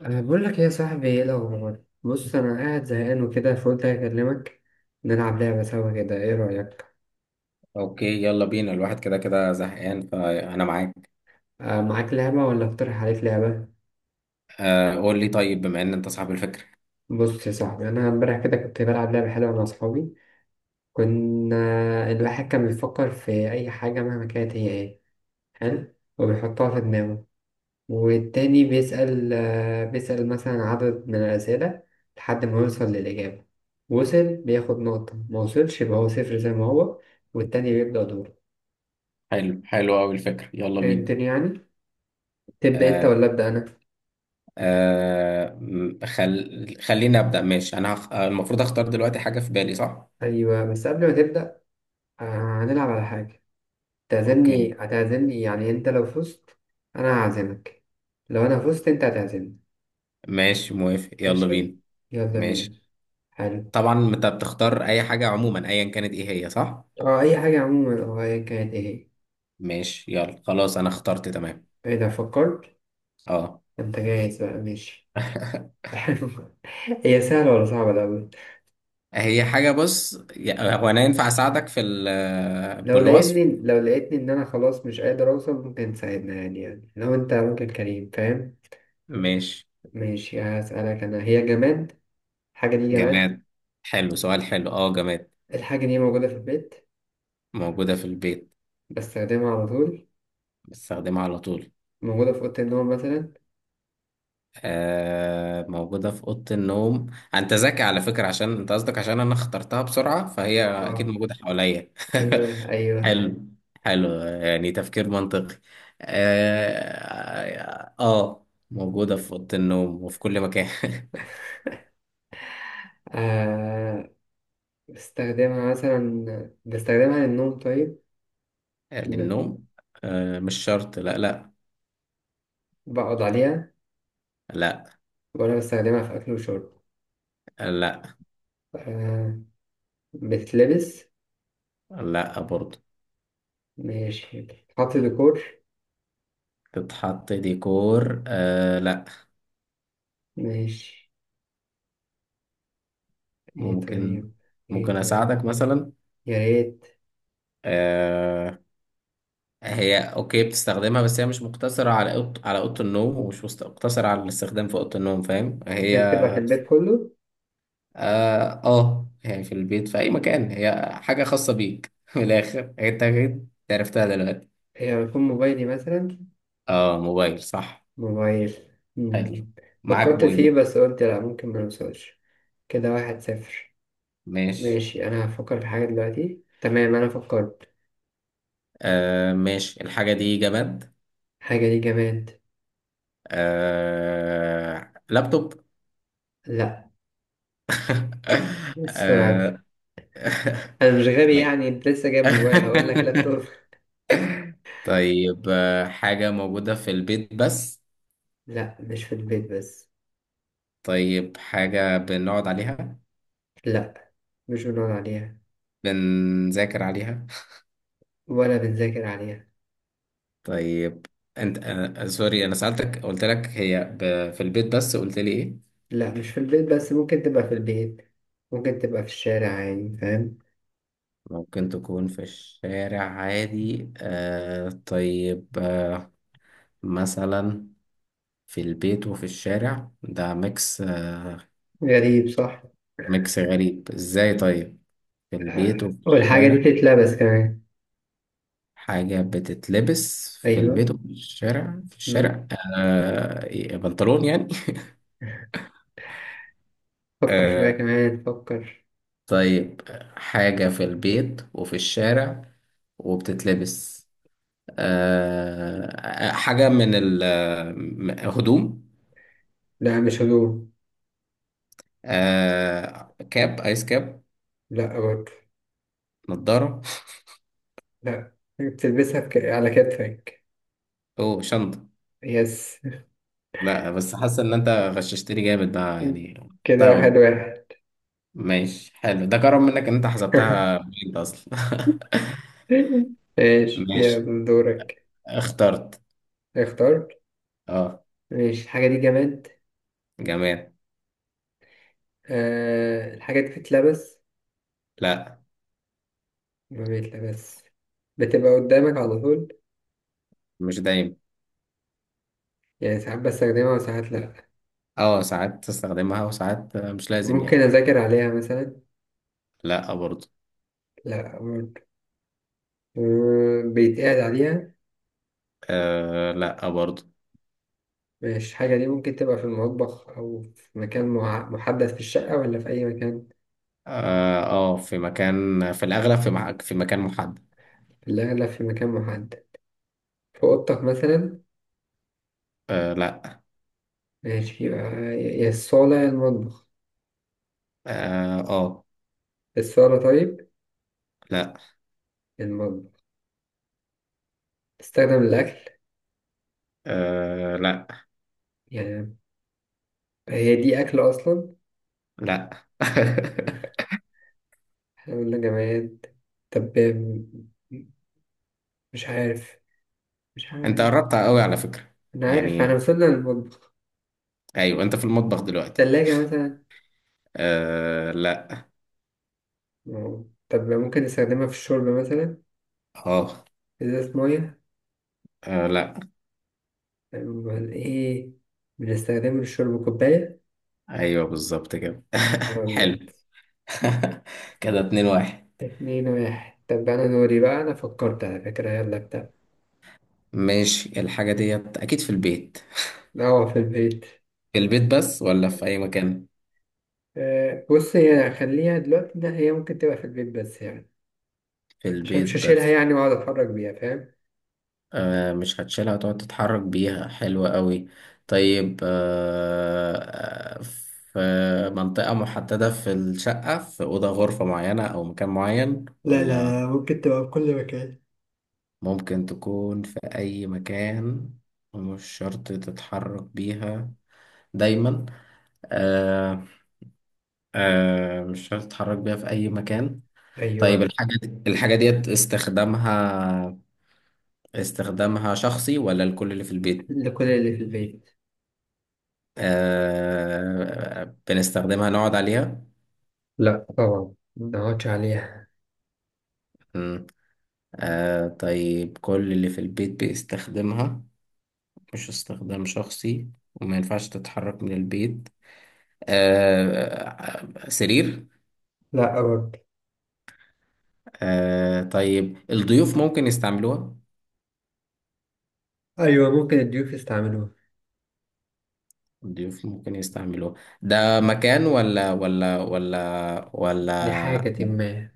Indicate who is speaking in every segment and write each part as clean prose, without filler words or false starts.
Speaker 1: بقول لك إيه يا صاحبي، ايه الأخبار؟ بص، أنا قاعد زهقان وكده، فقلت أكلمك. نلعب لعبة سوا كده، ايه رأيك؟
Speaker 2: اوكي، يلا بينا. الواحد كده كده زهقان فانا معاك.
Speaker 1: أه، معاك لعبة ولا أقترح عليك لعبة؟
Speaker 2: آه، قول لي طيب، بما ان انت صاحب الفكرة.
Speaker 1: بص يا صاحبي، أنا امبارح كده كنت بلعب لعبة حلوة مع أصحابي. كنا الواحد كان بيفكر في أي حاجة مهما كانت هي ايه. حلو؟ وبيحطها في دماغه. والتاني بيسأل مثلا عدد من الأسئلة لحد ما يوصل للإجابة. وصل بياخد نقطة، ما وصلش يبقى هو صفر زي ما هو. والتاني بيبدأ دوره.
Speaker 2: حلو، حلو قوي الفكرة، يلا بينا.
Speaker 1: فهمتني يعني. تبدأ أنت
Speaker 2: آه،
Speaker 1: ولا أبدأ أنا؟
Speaker 2: آه، خليني ابدا، ماشي. انا هخ... آه، المفروض اختار دلوقتي حاجة في بالي، صح؟
Speaker 1: أيوه، بس قبل ما تبدأ، هنلعب على حاجة. تعزمني
Speaker 2: اوكي.
Speaker 1: هتعزمني يعني، أنت لو فزت أنا هعزمك، لو أنا فزت أنت هتعزمني.
Speaker 2: ماشي موافق، يلا
Speaker 1: ماشي؟
Speaker 2: بينا.
Speaker 1: يلا
Speaker 2: ماشي.
Speaker 1: بينا. حلو.
Speaker 2: طبعا انت بتختار اي حاجة عموما، ايا كانت ايه هي، صح.
Speaker 1: أي حاجة عموما، أيا كانت إيه
Speaker 2: ماشي، يلا خلاص انا اخترت، تمام.
Speaker 1: هي، إذا فكرت.
Speaker 2: اه.
Speaker 1: أنت جاهز بقى، ماشي. حلو. هي سهلة ولا صعبة الأول؟
Speaker 2: هي حاجة. بص هو انا ينفع اساعدك
Speaker 1: لو
Speaker 2: بالوصف؟
Speaker 1: لقيتني لو لقيتني إن أنا خلاص مش قادر أوصل، ممكن تساعدنا يعني لو أنت ممكن، كريم، فاهم؟
Speaker 2: ماشي.
Speaker 1: ماشي، هسألك أنا. هي جماد؟ الحاجة دي جماد؟
Speaker 2: جماد. حلو، سؤال حلو، اه، جماد.
Speaker 1: الحاجة دي موجودة في البيت.
Speaker 2: موجودة في البيت.
Speaker 1: بستخدمها على طول.
Speaker 2: بستخدمها على طول.
Speaker 1: موجودة في أوضة النوم مثلا.
Speaker 2: آه، موجودة في أوضة النوم. أنت ذكي على فكرة، عشان أنت قصدك عشان أنا اخترتها بسرعة فهي أكيد
Speaker 1: آه،
Speaker 2: موجودة حواليا.
Speaker 1: أيوه أيوه.
Speaker 2: حلو. حلو، يعني تفكير منطقي. آه, آه، موجودة في أوضة النوم وفي كل مكان.
Speaker 1: آه بستخدمها مثلا. بستخدمها للنوم طيب. ن-
Speaker 2: للنوم. آه، مش شرط، لا لا
Speaker 1: بقعد عليها.
Speaker 2: لا.
Speaker 1: وأنا بستخدمها في أكل وشرب.
Speaker 2: لا.
Speaker 1: آه بتلبس.
Speaker 2: لا برضه.
Speaker 1: ماشي، بتتحط ديكور.
Speaker 2: تتحط ديكور؟ آه، لا.
Speaker 1: ماشي. إيه
Speaker 2: ممكن.
Speaker 1: طيب. إيه
Speaker 2: ممكن
Speaker 1: طيب.
Speaker 2: اساعدك مثلا.
Speaker 1: يا ريت.
Speaker 2: آه. هي اوكي بتستخدمها، بس هي مش مقتصرة على على اوضة النوم، ومش مقتصرة على الاستخدام في اوضة النوم، فاهم؟ هي
Speaker 1: ممكن تبقى في البيت كله.
Speaker 2: اه، آه، يعني في البيت في اي مكان، هي حاجة خاصة بيك. من الاخر انت أكيد عرفتها دلوقتي.
Speaker 1: هي يكون موبايلي مثلا.
Speaker 2: اه، موبايل، صح.
Speaker 1: موبايل.
Speaker 2: حلو.
Speaker 1: مم.
Speaker 2: معاك
Speaker 1: فكرت فيه
Speaker 2: بوينت.
Speaker 1: بس قلت لأ، ممكن ما نوصلش. كده واحد صفر.
Speaker 2: ماشي.
Speaker 1: ماشي، أنا هفكر في حاجة دلوقتي. تمام، أنا فكرت.
Speaker 2: آه، ماشي. الحاجة دي جماد.
Speaker 1: حاجة دي جماد.
Speaker 2: آه، لابتوب.
Speaker 1: لأ. إيه السرعة دي؟
Speaker 2: آه.
Speaker 1: أنا مش غبي
Speaker 2: طيب.
Speaker 1: يعني. أنت لسه جايب موبايل هقول لك لابتوب؟
Speaker 2: طيب، حاجة موجودة في البيت بس.
Speaker 1: لأ، مش في البيت بس.
Speaker 2: طيب، حاجة بنقعد عليها.
Speaker 1: لأ، مش بنقعد عليها
Speaker 2: بنذاكر عليها.
Speaker 1: ولا بنذاكر عليها.
Speaker 2: طيب. انت سوري، انا سألتك قلت لك هي في البيت بس، قلت لي ايه.
Speaker 1: لأ، مش في البيت بس، ممكن تبقى في البيت، ممكن تبقى في الشارع عادي، فاهم؟
Speaker 2: ممكن تكون في الشارع عادي، آه، طيب، آه. مثلا. في البيت وفي الشارع، ده ميكس، آه.
Speaker 1: غريب صح.
Speaker 2: ميكس غريب، ازاي؟ طيب. في البيت وفي
Speaker 1: والحاجة دي
Speaker 2: الشارع.
Speaker 1: بتتلبس كمان.
Speaker 2: حاجة بتتلبس في
Speaker 1: أيوه.
Speaker 2: البيت وفي الشارع، في
Speaker 1: مم.
Speaker 2: الشارع. آه، إيه، بنطلون يعني؟
Speaker 1: فكر شوية
Speaker 2: آه،
Speaker 1: كمان، فكر.
Speaker 2: طيب. حاجة في البيت وفي الشارع وبتتلبس. آه، حاجة من الهدوم.
Speaker 1: لأ، مش هدوم.
Speaker 2: آه، ايس كاب.
Speaker 1: لأ برضه.
Speaker 2: نضارة.
Speaker 1: لا، بتلبسها على كتفك.
Speaker 2: او شنطة.
Speaker 1: يس.
Speaker 2: لا، بس حاسة ان انت غششتني جامد بقى، يعني.
Speaker 1: كده واحد
Speaker 2: طيب.
Speaker 1: واحد.
Speaker 2: ماشي، حلو، ده كرم منك ان انت حسبتها بجد اصلا.
Speaker 1: ماشي،
Speaker 2: ماشي.
Speaker 1: يلا دورك.
Speaker 2: اخترت.
Speaker 1: اختار.
Speaker 2: اه.
Speaker 1: ماشي، الحاجة دي جماد.
Speaker 2: جماد.
Speaker 1: الحاجة دي بتتلبس.
Speaker 2: لا.
Speaker 1: ما بيتلبس. بتبقى قدامك على طول.
Speaker 2: مش دايما.
Speaker 1: يعني ساعات بستخدمها وساعات لأ.
Speaker 2: اه، ساعات تستخدمها وساعات مش لازم،
Speaker 1: ممكن
Speaker 2: يعني.
Speaker 1: أذاكر عليها مثلا.
Speaker 2: لا برضو.
Speaker 1: لأ برضه. بيتقعد عليها.
Speaker 2: آه، لا برضو.
Speaker 1: مش الحاجة دي ممكن تبقى في المطبخ أو في مكان محدد في الشقة ولا في أي مكان؟
Speaker 2: اه، آه، في مكان، في الأغلب في مكان محدد.
Speaker 1: في الأغلب في مكان محدد. في أوضتك مثلا.
Speaker 2: آه، لا.
Speaker 1: ماشي، يبقى يا الصالة يا المطبخ.
Speaker 2: اه. آه،
Speaker 1: الصالة طيب.
Speaker 2: لا.
Speaker 1: يا المطبخ. تستخدم الأكل
Speaker 2: آه، لا.
Speaker 1: يعني. هي دي أكل أصلا؟
Speaker 2: لا.
Speaker 1: احنا قلنا جماد. طب، مش عارف، مش
Speaker 2: انت
Speaker 1: عارف.
Speaker 2: قربت قوي على فكرة،
Speaker 1: أنا عارف احنا
Speaker 2: يعني.
Speaker 1: وصلنا للمطبخ.
Speaker 2: ايوه، انت في المطبخ دلوقتي.
Speaker 1: تلاجة مثلا.
Speaker 2: آه، لا.
Speaker 1: أه. طب ممكن نستخدمها في الشرب مثلا.
Speaker 2: اه.
Speaker 1: إزازة مية.
Speaker 2: آه، لا.
Speaker 1: أمال إيه؟ بنستخدمها للشرب، كوباية.
Speaker 2: ايوه، بالظبط كده.
Speaker 1: نهار أبيض.
Speaker 2: حلو. كده 2-1.
Speaker 1: اتنين واحد. طب أنا دوري بقى، أنا فكرت على فكرة، يلا بتاع.
Speaker 2: ماشي. الحاجة ديت أكيد في البيت.
Speaker 1: قهوة في البيت.
Speaker 2: في البيت بس ولا في أي مكان؟
Speaker 1: بص هي، خليها دلوقتي إن هي ممكن تبقى في البيت بس يعني،
Speaker 2: في
Speaker 1: عشان
Speaker 2: البيت
Speaker 1: مش هشيلها
Speaker 2: بس.
Speaker 1: يعني وأقعد أتحرك بيها، فاهم؟
Speaker 2: آه، مش هتشيلها تقعد تتحرك بيها، حلوة قوي. طيب، آه. آه، في منطقة محددة في الشقة، في أوضة غرفة معينة أو مكان معين
Speaker 1: لا
Speaker 2: ولا؟
Speaker 1: لا لا، ممكن تبقى في كل مكان.
Speaker 2: ممكن تكون في أي مكان. ومش شرط تتحرك بيها دايما. آه. آه، مش شرط تتحرك بيها في أي مكان. طيب،
Speaker 1: أيوه.
Speaker 2: الحاجة ديت استخدامها، استخدامها شخصي ولا الكل اللي في البيت؟
Speaker 1: لكل اللي في البيت.
Speaker 2: آه... بنستخدمها نقعد عليها؟
Speaker 1: لا طبعا، ما أقعدش عليها.
Speaker 2: مم. آه... طيب كل اللي في البيت بيستخدمها، مش استخدام شخصي، وما ينفعش تتحرك من البيت. آه... سرير؟
Speaker 1: لا برضه.
Speaker 2: آه... طيب، الضيوف ممكن يستعملوها؟
Speaker 1: أيوه، ممكن الضيوف يستعملوها.
Speaker 2: الضيوف ممكن يستعملوها. ده مكان ولا
Speaker 1: لحاجة ما.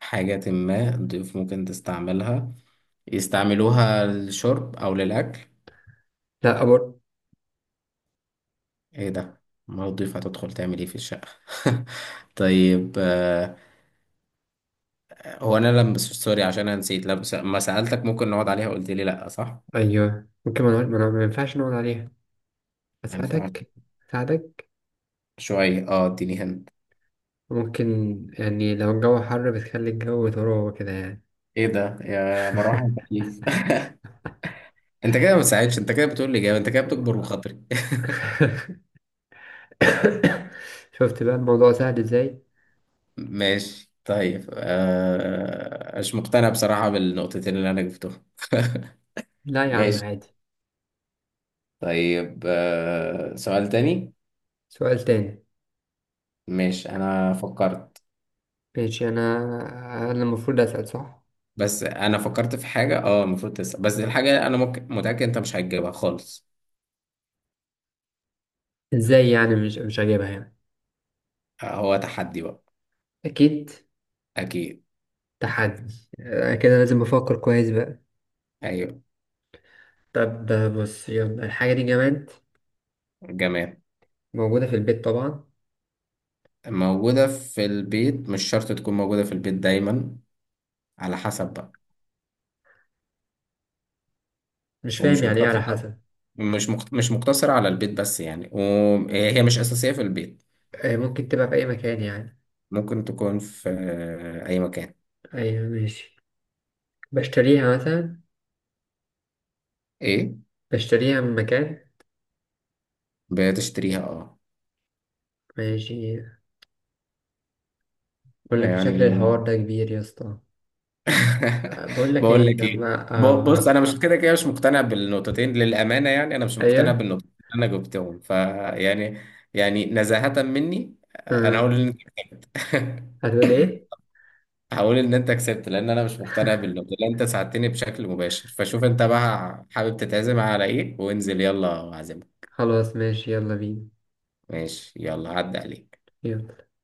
Speaker 2: حاجة ما. الضيوف ممكن تستعملها، يستعملوها للشرب أو للأكل.
Speaker 1: لا برضه.
Speaker 2: إيه ده؟ ما الضيوف هتدخل تعمل إيه في الشقة؟ طيب، آه، هو أنا لما سوري عشان أنا نسيت، لما ما سألتك ممكن نقعد عليها قلت لي لأ، صح؟
Speaker 1: أيوه، ممكن ما ينفعش نقعد عليها.
Speaker 2: يعني فعلا.
Speaker 1: أساعدك، أساعدك.
Speaker 2: شوية إديني هند.
Speaker 1: ممكن، يعني لو الجو حر بتخلي الجو تروه كده يعني.
Speaker 2: إيه ده، يا مروحة يا تكييف؟ أنت كده ما بتساعدش، أنت كده بتقول لي جاوب، أنت كده بتكبر بخاطري.
Speaker 1: شفت بقى الموضوع سهل ازاي.
Speaker 2: ماشي. طيب، مش مقتنع بصراحة بالنقطتين اللي أنا جبتهم.
Speaker 1: لا يا عم
Speaker 2: ماشي.
Speaker 1: عادي.
Speaker 2: طيب، سؤال تاني.
Speaker 1: سؤال تاني.
Speaker 2: ماشي، انا فكرت.
Speaker 1: ماشي، انا المفروض اسال صح.
Speaker 2: بس انا فكرت في حاجة، المفروض تسأل، بس الحاجة انا ممكن متأكد انت مش هتجيبها خالص.
Speaker 1: ازاي يعني مش هجيبها يعني؟
Speaker 2: آه، هو تحدي بقى.
Speaker 1: اكيد،
Speaker 2: اكيد.
Speaker 1: تحدي. أنا كده لازم افكر كويس بقى.
Speaker 2: ايوه.
Speaker 1: طب، بص، يلا الحاجه دي جماد.
Speaker 2: جماد.
Speaker 1: موجوده في البيت طبعا.
Speaker 2: موجودة في البيت، مش شرط تكون موجودة في البيت دايما. على حسب بقى.
Speaker 1: مش فاهم،
Speaker 2: ومش
Speaker 1: يعني ايه على
Speaker 2: مقتصرة.
Speaker 1: حسب؟
Speaker 2: مش مقتصرة على البيت بس، يعني وهي مش أساسية في البيت.
Speaker 1: ممكن تبقى في اي مكان يعني.
Speaker 2: ممكن تكون في أي مكان.
Speaker 1: ايوه ماشي. بشتريها مثلا،
Speaker 2: إيه؟
Speaker 1: بشتريها من مكان.
Speaker 2: بتشتريها، اه.
Speaker 1: ماشي. بقول لك شكل
Speaker 2: يعني.
Speaker 1: الحوار ده كبير يا اسطى. بقول لك
Speaker 2: بقول
Speaker 1: ايه
Speaker 2: لك ايه،
Speaker 1: لما
Speaker 2: بص انا مش كده كده مش مقتنع بالنقطتين، للامانه يعني انا مش مقتنع
Speaker 1: ايوه.
Speaker 2: بالنقطتين اللي انا جبتهم، فيعني يعني نزاهه مني، انا
Speaker 1: أه.
Speaker 2: هقول ان...
Speaker 1: هتقول ايه؟
Speaker 2: هقول ان انت كسبت، لان انا مش مقتنع بالنقطه اللي انت ساعدتني بشكل مباشر، فشوف انت بقى حابب تتعزم على ايه وانزل يلا اعزمك.
Speaker 1: خلاص ماشي، يلا بينا.
Speaker 2: ماشي، يلا عدى عليك.
Speaker 1: يلا